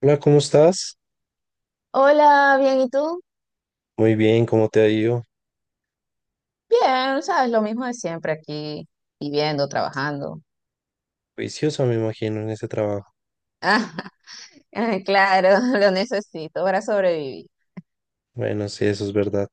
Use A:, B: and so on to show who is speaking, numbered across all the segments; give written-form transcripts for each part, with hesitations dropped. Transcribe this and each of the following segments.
A: Hola, ¿cómo estás?
B: Hola, bien, ¿y tú?
A: Muy bien, ¿cómo te ha ido?
B: Bien, sabes, lo mismo de siempre aquí, viviendo, trabajando.
A: Juiciosa, me imagino, en ese trabajo.
B: Ah, claro, lo necesito para sobrevivir.
A: Bueno, sí, eso es verdad.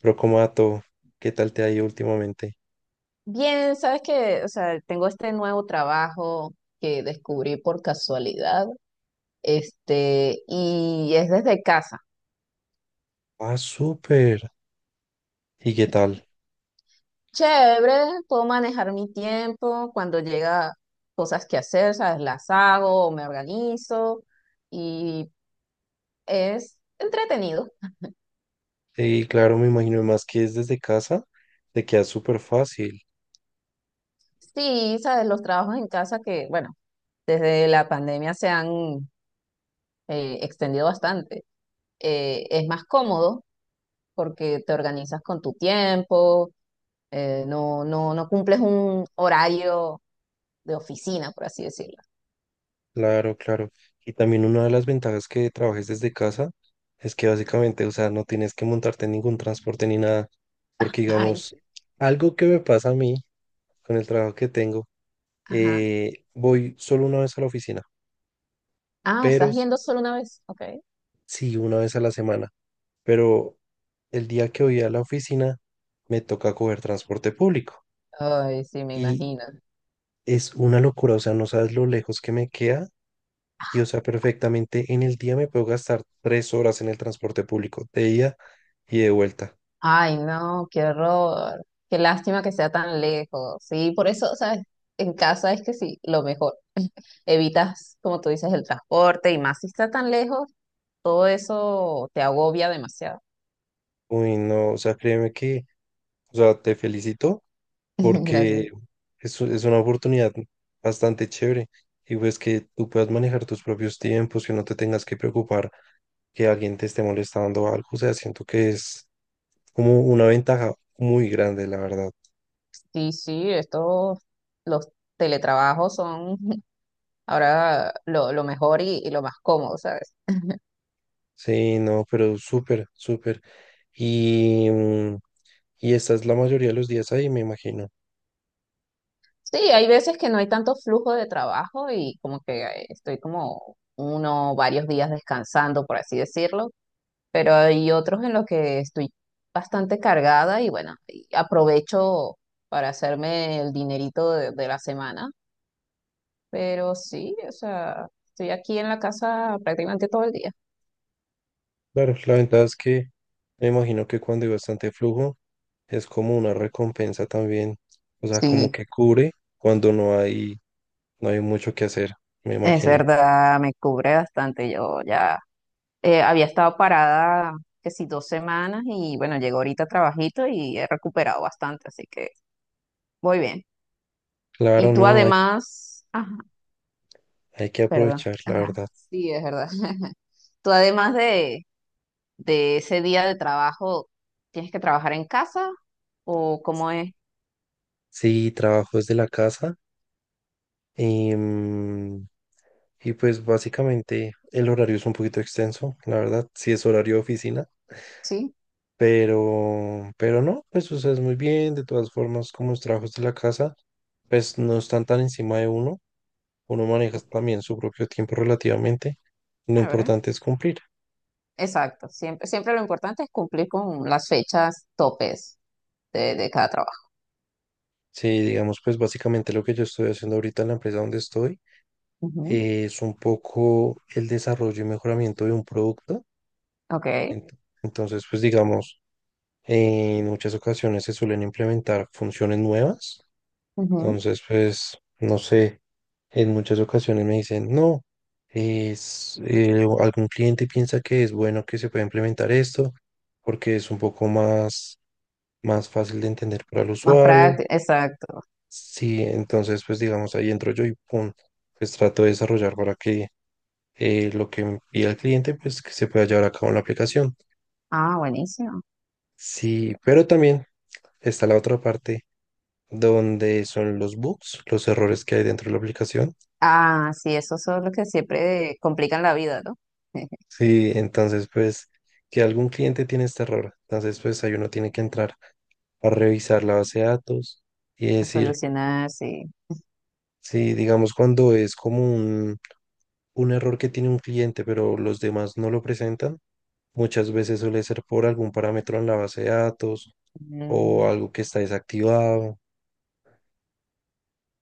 A: Pero como a todo, ¿qué tal te ha ido últimamente?
B: Bien, sabes que, o sea, tengo este nuevo trabajo que descubrí por casualidad, y es desde casa.
A: Ah, súper. ¿Y qué tal?
B: Chévere, puedo manejar mi tiempo cuando llega cosas que hacer, sabes, las hago, o me organizo y es entretenido.
A: Sí, claro, me imagino, más que es desde casa, te queda súper fácil.
B: Sí, sabes, los trabajos en casa que, bueno, desde la pandemia se han extendido bastante. Es más cómodo porque te organizas con tu tiempo, no cumples un horario de oficina, por así decirlo.
A: Claro, claro. Y también una de las ventajas que trabajes desde casa es que básicamente, o sea, no tienes que montarte en ningún transporte ni nada. Porque,
B: Ay,
A: digamos,
B: sí.
A: algo que me pasa a mí con el trabajo que tengo,
B: Ajá.
A: voy solo una vez a la oficina.
B: Ah,
A: pero
B: estás
A: s-
B: yendo solo una vez. Ok.
A: sí, una vez a la semana. Pero el día que voy a la oficina me toca coger transporte público
B: Ay, sí, me
A: y
B: imagino.
A: es una locura, o sea, no sabes lo lejos que me queda y, o sea, perfectamente en el día me puedo gastar tres horas en el transporte público, de ida y de vuelta.
B: Ay, no, qué horror. Qué lástima que sea tan lejos. Sí, por eso, ¿sabes? En casa es que sí, lo mejor. Evitas, como tú dices, el transporte y más si está tan lejos, todo eso te agobia demasiado.
A: Uy, no, o sea, créeme que, o sea, te felicito
B: Gracias.
A: porque es una oportunidad bastante chévere y pues que tú puedas manejar tus propios tiempos, que no te tengas que preocupar que alguien te esté molestando o algo. O sea, siento que es como una ventaja muy grande, la verdad.
B: Sí, sí, los teletrabajos son ahora lo mejor y lo más cómodo, ¿sabes?
A: Sí, no, pero súper, súper. Y, y esta es la mayoría de los días ahí, me imagino.
B: Sí, hay veces que no hay tanto flujo de trabajo y como que estoy como varios días descansando, por así decirlo, pero hay otros en los que estoy bastante cargada y bueno, y aprovecho para hacerme el dinerito de la semana. Pero sí, o sea, estoy aquí en la casa prácticamente todo el día.
A: Claro, la ventaja es que me imagino que cuando hay bastante flujo es como una recompensa también. O sea, como
B: Sí,
A: que cubre cuando no hay mucho que hacer, me
B: es
A: imagino.
B: verdad, me cubre bastante. Yo ya había estado parada que si dos semanas y bueno, llegó ahorita trabajito y he recuperado bastante, así que voy bien.
A: Claro,
B: Y tú
A: no, hay,
B: además, ajá,
A: hay que
B: perdón,
A: aprovechar, la
B: ajá,
A: verdad.
B: sí, es verdad. Tú además de ese día de trabajo, ¿tienes que trabajar en casa o cómo es?
A: Sí, trabajo desde la casa y mm, y pues básicamente el horario es un poquito extenso, la verdad, si es horario de oficina,
B: Sí,
A: pero no, pues o sea, es muy bien, de todas formas, como los trabajos de la casa, pues no están tan encima de uno, uno maneja también su propio tiempo relativamente, lo
B: a ver.
A: importante es cumplir.
B: Exacto, siempre, siempre lo importante es cumplir con las fechas topes de cada trabajo.
A: Sí, digamos, pues básicamente lo que yo estoy haciendo ahorita en la empresa donde estoy,
B: Ujú.
A: es un poco el desarrollo y mejoramiento de un producto.
B: Ok.
A: Ent- Entonces, pues digamos, en muchas ocasiones se suelen implementar funciones nuevas.
B: Ujú.
A: Entonces, pues, no sé, en muchas ocasiones me dicen, no, o algún cliente piensa que es bueno que se pueda implementar esto porque es un poco más, más fácil de entender para el
B: Más
A: usuario.
B: práctico, exacto.
A: Sí, entonces, pues, digamos, ahí entro yo y pum, pues trato de desarrollar para que lo que me pida el cliente, pues, que se pueda llevar a cabo en la aplicación.
B: Ah, buenísimo.
A: Sí, pero también está la otra parte donde son los bugs, los errores que hay dentro de la aplicación.
B: Ah, sí, esos son los que siempre complican la vida, ¿no?
A: Sí, entonces pues que algún cliente tiene este error. Entonces pues ahí uno tiene que entrar a revisar la base de datos y
B: A
A: decir,
B: solucionar, sí.
A: sí, digamos cuando es como un error que tiene un cliente pero los demás no lo presentan, muchas veces suele ser por algún parámetro en la base de datos o
B: Mm.
A: algo que está desactivado.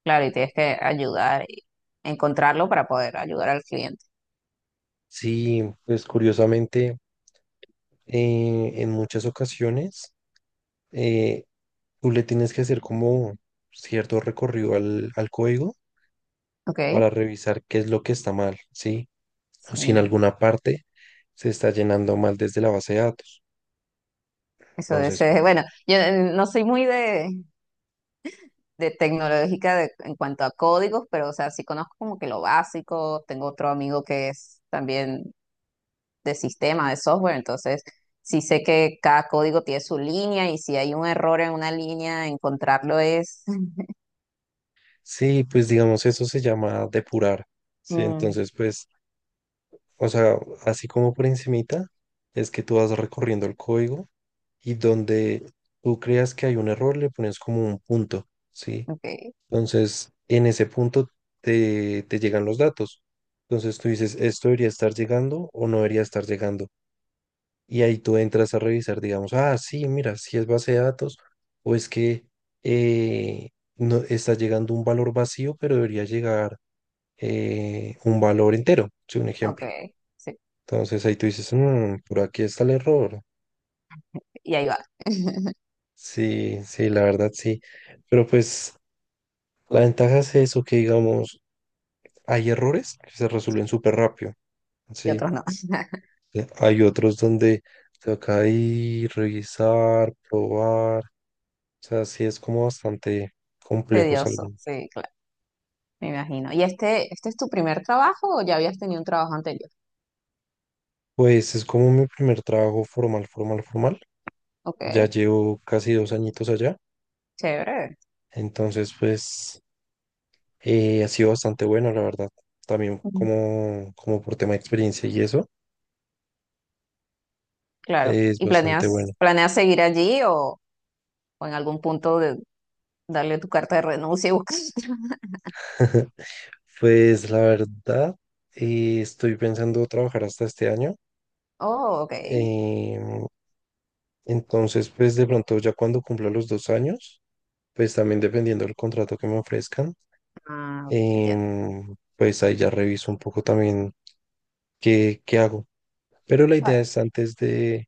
B: Claro, y tienes que ayudar y encontrarlo para poder ayudar al cliente.
A: Sí, pues curiosamente en muchas ocasiones, eh, tú le tienes que hacer como cierto recorrido al código
B: Ok,
A: para revisar qué es lo que está mal, ¿sí? O si en
B: sí,
A: alguna parte se está llenando mal desde la base de datos.
B: eso es,
A: Entonces, pues,
B: bueno, yo no soy muy de tecnológica en cuanto a códigos, pero o sea, sí conozco como que lo básico. Tengo otro amigo que es también de sistema, de software, entonces sí sé que cada código tiene su línea y si hay un error en una línea, encontrarlo es...
A: sí, pues digamos, eso se llama depurar, ¿sí?
B: Mm.
A: Entonces, pues, o sea, así como por encimita, es que tú vas recorriendo el código y donde tú creas que hay un error, le pones como un punto, ¿sí?
B: Ok,
A: Entonces, en ese punto te llegan los datos. Entonces tú dices, esto debería estar llegando o no debería estar llegando. Y ahí tú entras a revisar, digamos, ah, sí, mira, si es base de datos o es que eh, no, está llegando un valor vacío, pero debería llegar, un valor entero, sí, un
B: ok,
A: ejemplo.
B: sí,
A: Entonces ahí tú dices, "Mm, por aquí está el error".
B: y ahí va.
A: Sí, sí, la verdad sí. Pero pues la ventaja es eso, que digamos, hay errores que se
B: Sí.
A: resuelven súper rápido,
B: Y
A: sí.
B: otros no.
A: Hay otros donde toca ir, revisar, probar. O sea, sí es como bastante complejo es
B: Tedioso,
A: algo.
B: sí, claro, me imagino. ¿Y este es tu primer trabajo o ya habías tenido un trabajo anterior?
A: Pues es como mi primer trabajo formal, formal, formal.
B: Ok,
A: Ya llevo casi dos añitos allá.
B: chévere.
A: Entonces, pues ha sido bastante bueno, la verdad. También
B: Ujú.
A: como, como por tema de experiencia y eso,
B: Claro.
A: es
B: ¿Y
A: bastante bueno.
B: planeas seguir allí, o en algún punto de darle tu carta de renuncia y buscar otra?
A: Pues la verdad, estoy pensando trabajar hasta este año.
B: Oh, ok.
A: Em, entonces, pues de pronto ya cuando cumpla los dos años, pues también dependiendo del contrato que me ofrezcan,
B: Ah, ok, entiendo.
A: pues ahí ya reviso un poco también qué, qué hago. Pero la idea
B: Vale.
A: es antes de,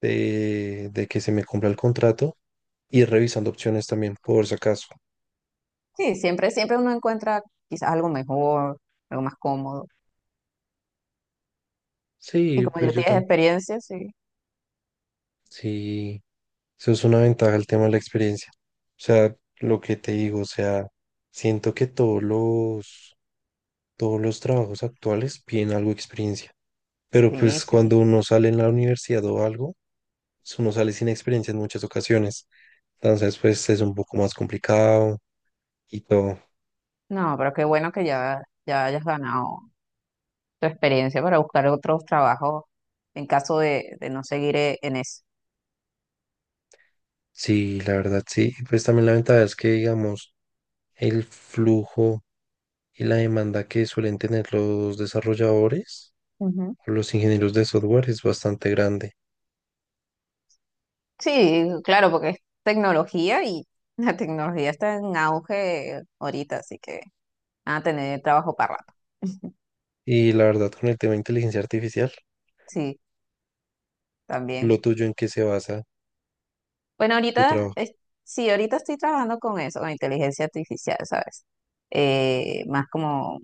A: de que se me cumpla el contrato, ir revisando opciones también por si acaso.
B: Sí, siempre, siempre uno encuentra quizás algo mejor, algo más cómodo. Y
A: Sí,
B: como
A: pues
B: ya
A: yo
B: tienes
A: también.
B: experiencia, sí.
A: Sí, eso es una ventaja el tema de la experiencia. O sea, lo que te digo, o sea, siento que todos los trabajos actuales piden algo de experiencia. Pero
B: Sí,
A: pues
B: sí.
A: cuando uno sale en la universidad o algo, uno sale sin experiencia en muchas ocasiones. Entonces, pues es un poco más complicado y todo.
B: No, pero qué bueno que ya hayas ganado tu experiencia para buscar otros trabajos en caso de no seguir en eso.
A: Sí, la verdad, sí. Pues también la ventaja es que, digamos, el flujo y la demanda que suelen tener los desarrolladores
B: Ujú.
A: o los ingenieros de software es bastante grande.
B: Sí, claro, porque es tecnología y la tecnología está en auge ahorita, así que van a tener trabajo para rato.
A: Y la verdad, con el tema de inteligencia artificial,
B: Sí, también.
A: lo tuyo en qué se basa
B: Bueno,
A: tu
B: ahorita,
A: trabajo.
B: sí, ahorita estoy trabajando con eso, con inteligencia artificial, ¿sabes? Más como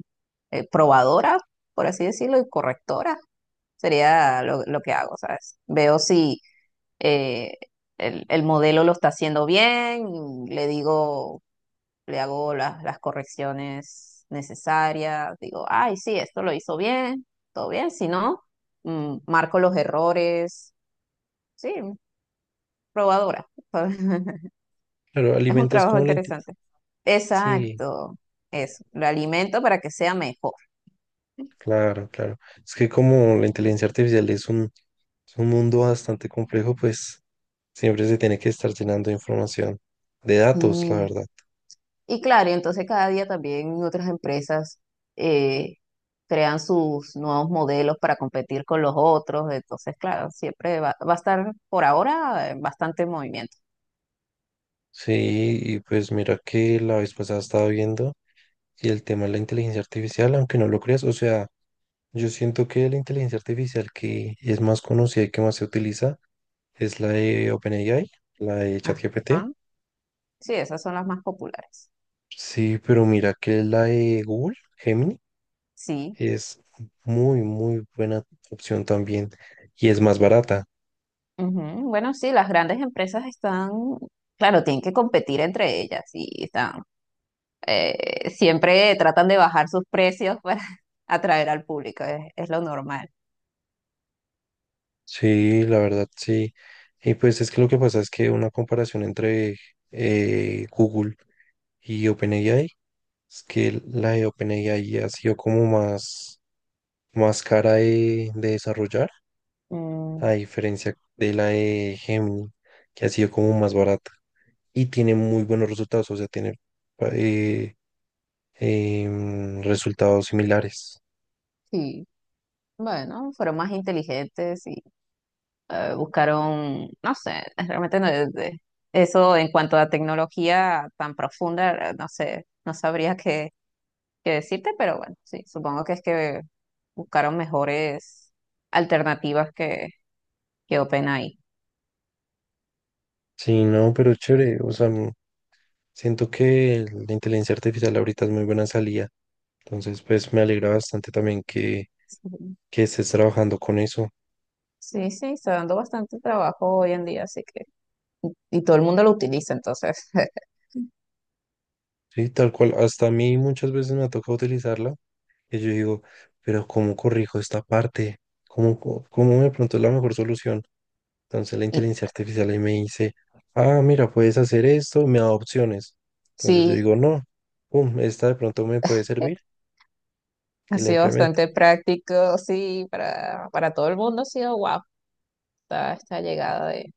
B: probadora, por así decirlo, y correctora sería lo que hago, ¿sabes? Veo si eh, el modelo lo está haciendo bien, le digo, le hago las correcciones necesarias, digo, ay, sí, esto lo hizo bien, todo bien, si no, marco los errores, sí, probadora.
A: Claro,
B: Es un
A: alimentas
B: trabajo
A: como la inteligencia.
B: interesante.
A: Sí,
B: Exacto, eso, lo alimento para que sea mejor.
A: claro, claro. Es que como la inteligencia artificial es es un mundo bastante complejo, pues siempre se tiene que estar llenando de información, de datos, la
B: Y,
A: verdad.
B: Y claro, y entonces cada día también otras empresas eh, crean sus nuevos modelos para competir con los otros, entonces claro, siempre va a estar por ahora bastante en movimiento.
A: Sí, y pues mira que la vez pasada estaba viendo y el tema de la inteligencia artificial, aunque no lo creas, o sea, yo siento que la inteligencia artificial que es más conocida y que más se utiliza es la de OpenAI, la de ChatGPT.
B: Ajá. Sí, esas son las más populares.
A: Sí, pero mira que la de Google, Gemini,
B: Sí.
A: es muy, muy buena opción también y es más barata.
B: Ujú. Bueno, sí, las grandes empresas están, claro, tienen que competir entre ellas y están siempre tratan de bajar sus precios para atraer al público, es lo normal.
A: Sí, la verdad, sí. Y pues es que lo que pasa es que una comparación entre Google y OpenAI es que la de OpenAI ha sido como más, más cara de desarrollar, a
B: Mm,
A: diferencia de la de Gemini, que ha sido como más barata y tiene muy buenos resultados, o sea, tiene, eh, resultados similares.
B: sí, bueno, fueron más inteligentes y buscaron, no sé, realmente no es eso en cuanto a tecnología tan profunda, no sé, no sabría qué decirte, pero bueno, sí, supongo que es que buscaron mejores alternativas que OpenAI.
A: Sí, no, pero chévere, o sea, siento que la inteligencia artificial ahorita es muy buena salida. Entonces, pues me alegra bastante también
B: Sí,
A: que estés trabajando con eso.
B: sí, sí, está dando bastante trabajo hoy en día, así que... Y todo el mundo lo utiliza, entonces
A: Sí, tal cual. Hasta a mí muchas veces me toca utilizarla y yo digo, pero ¿cómo corrijo esta parte? ¿Cómo, cómo de pronto es la mejor solución? Entonces la
B: Y
A: inteligencia artificial ahí me dice, ah, mira, puedes hacer esto, me da opciones. Entonces yo
B: sí,
A: digo, no, pum, esta de pronto me puede servir
B: ha
A: y la
B: sido
A: implemento.
B: bastante práctico, sí, para todo el mundo ha sido guau esta llegada de...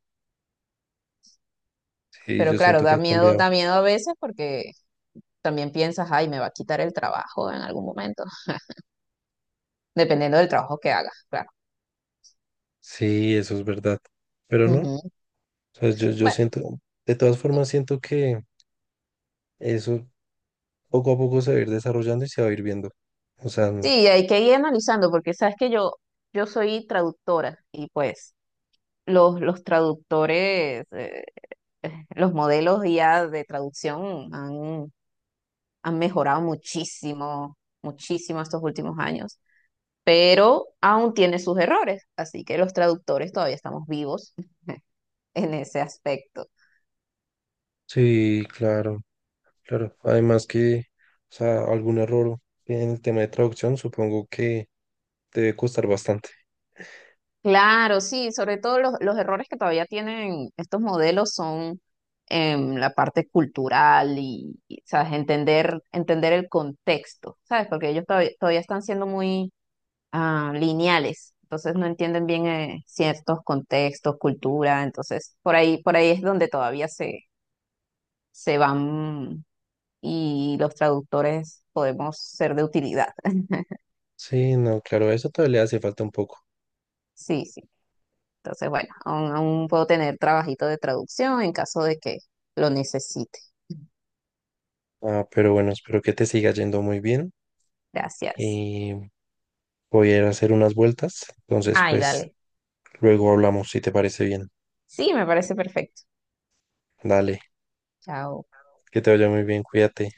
A: Sí,
B: Pero
A: yo
B: claro,
A: siento que ha cambiado.
B: da miedo a veces porque también piensas, ay, me va a quitar el trabajo en algún momento, dependiendo del trabajo que hagas, claro.
A: Sí, eso es verdad. Pero no,
B: Ujú.
A: o sea, yo
B: Bueno,
A: siento, de todas formas siento que... eso poco a poco se va a ir desarrollando y se va a ir viendo. O sea,
B: sí, hay que ir analizando porque sabes que yo soy traductora y pues los traductores, los modelos ya de traducción han mejorado muchísimo, muchísimo estos últimos años. Pero aún tiene sus errores, así que los traductores todavía estamos vivos en ese aspecto.
A: sí, claro, claro. Además que, o sea, algún error en el tema de traducción supongo que debe costar bastante.
B: Claro, sí, sobre todo los errores que todavía tienen estos modelos son en la parte cultural y, ¿sabes? Entender, entender el contexto, ¿sabes? Porque ellos todavía, todavía están siendo muy lineales, entonces no entienden bien ciertos contextos, cultura, entonces por ahí es donde todavía se van y los traductores podemos ser de utilidad.
A: Sí, no, claro, eso todavía le hace falta un poco.
B: Sí, sí. Entonces, bueno, aún, aún puedo tener trabajito de traducción en caso de que lo necesite.
A: Ah, pero bueno, espero que te siga yendo muy bien
B: Gracias.
A: y voy a ir a hacer unas vueltas. Entonces,
B: Ay,
A: pues,
B: dale.
A: luego hablamos si te parece bien.
B: Sí, me parece perfecto.
A: Dale,
B: Chao.
A: que te vaya muy bien, cuídate.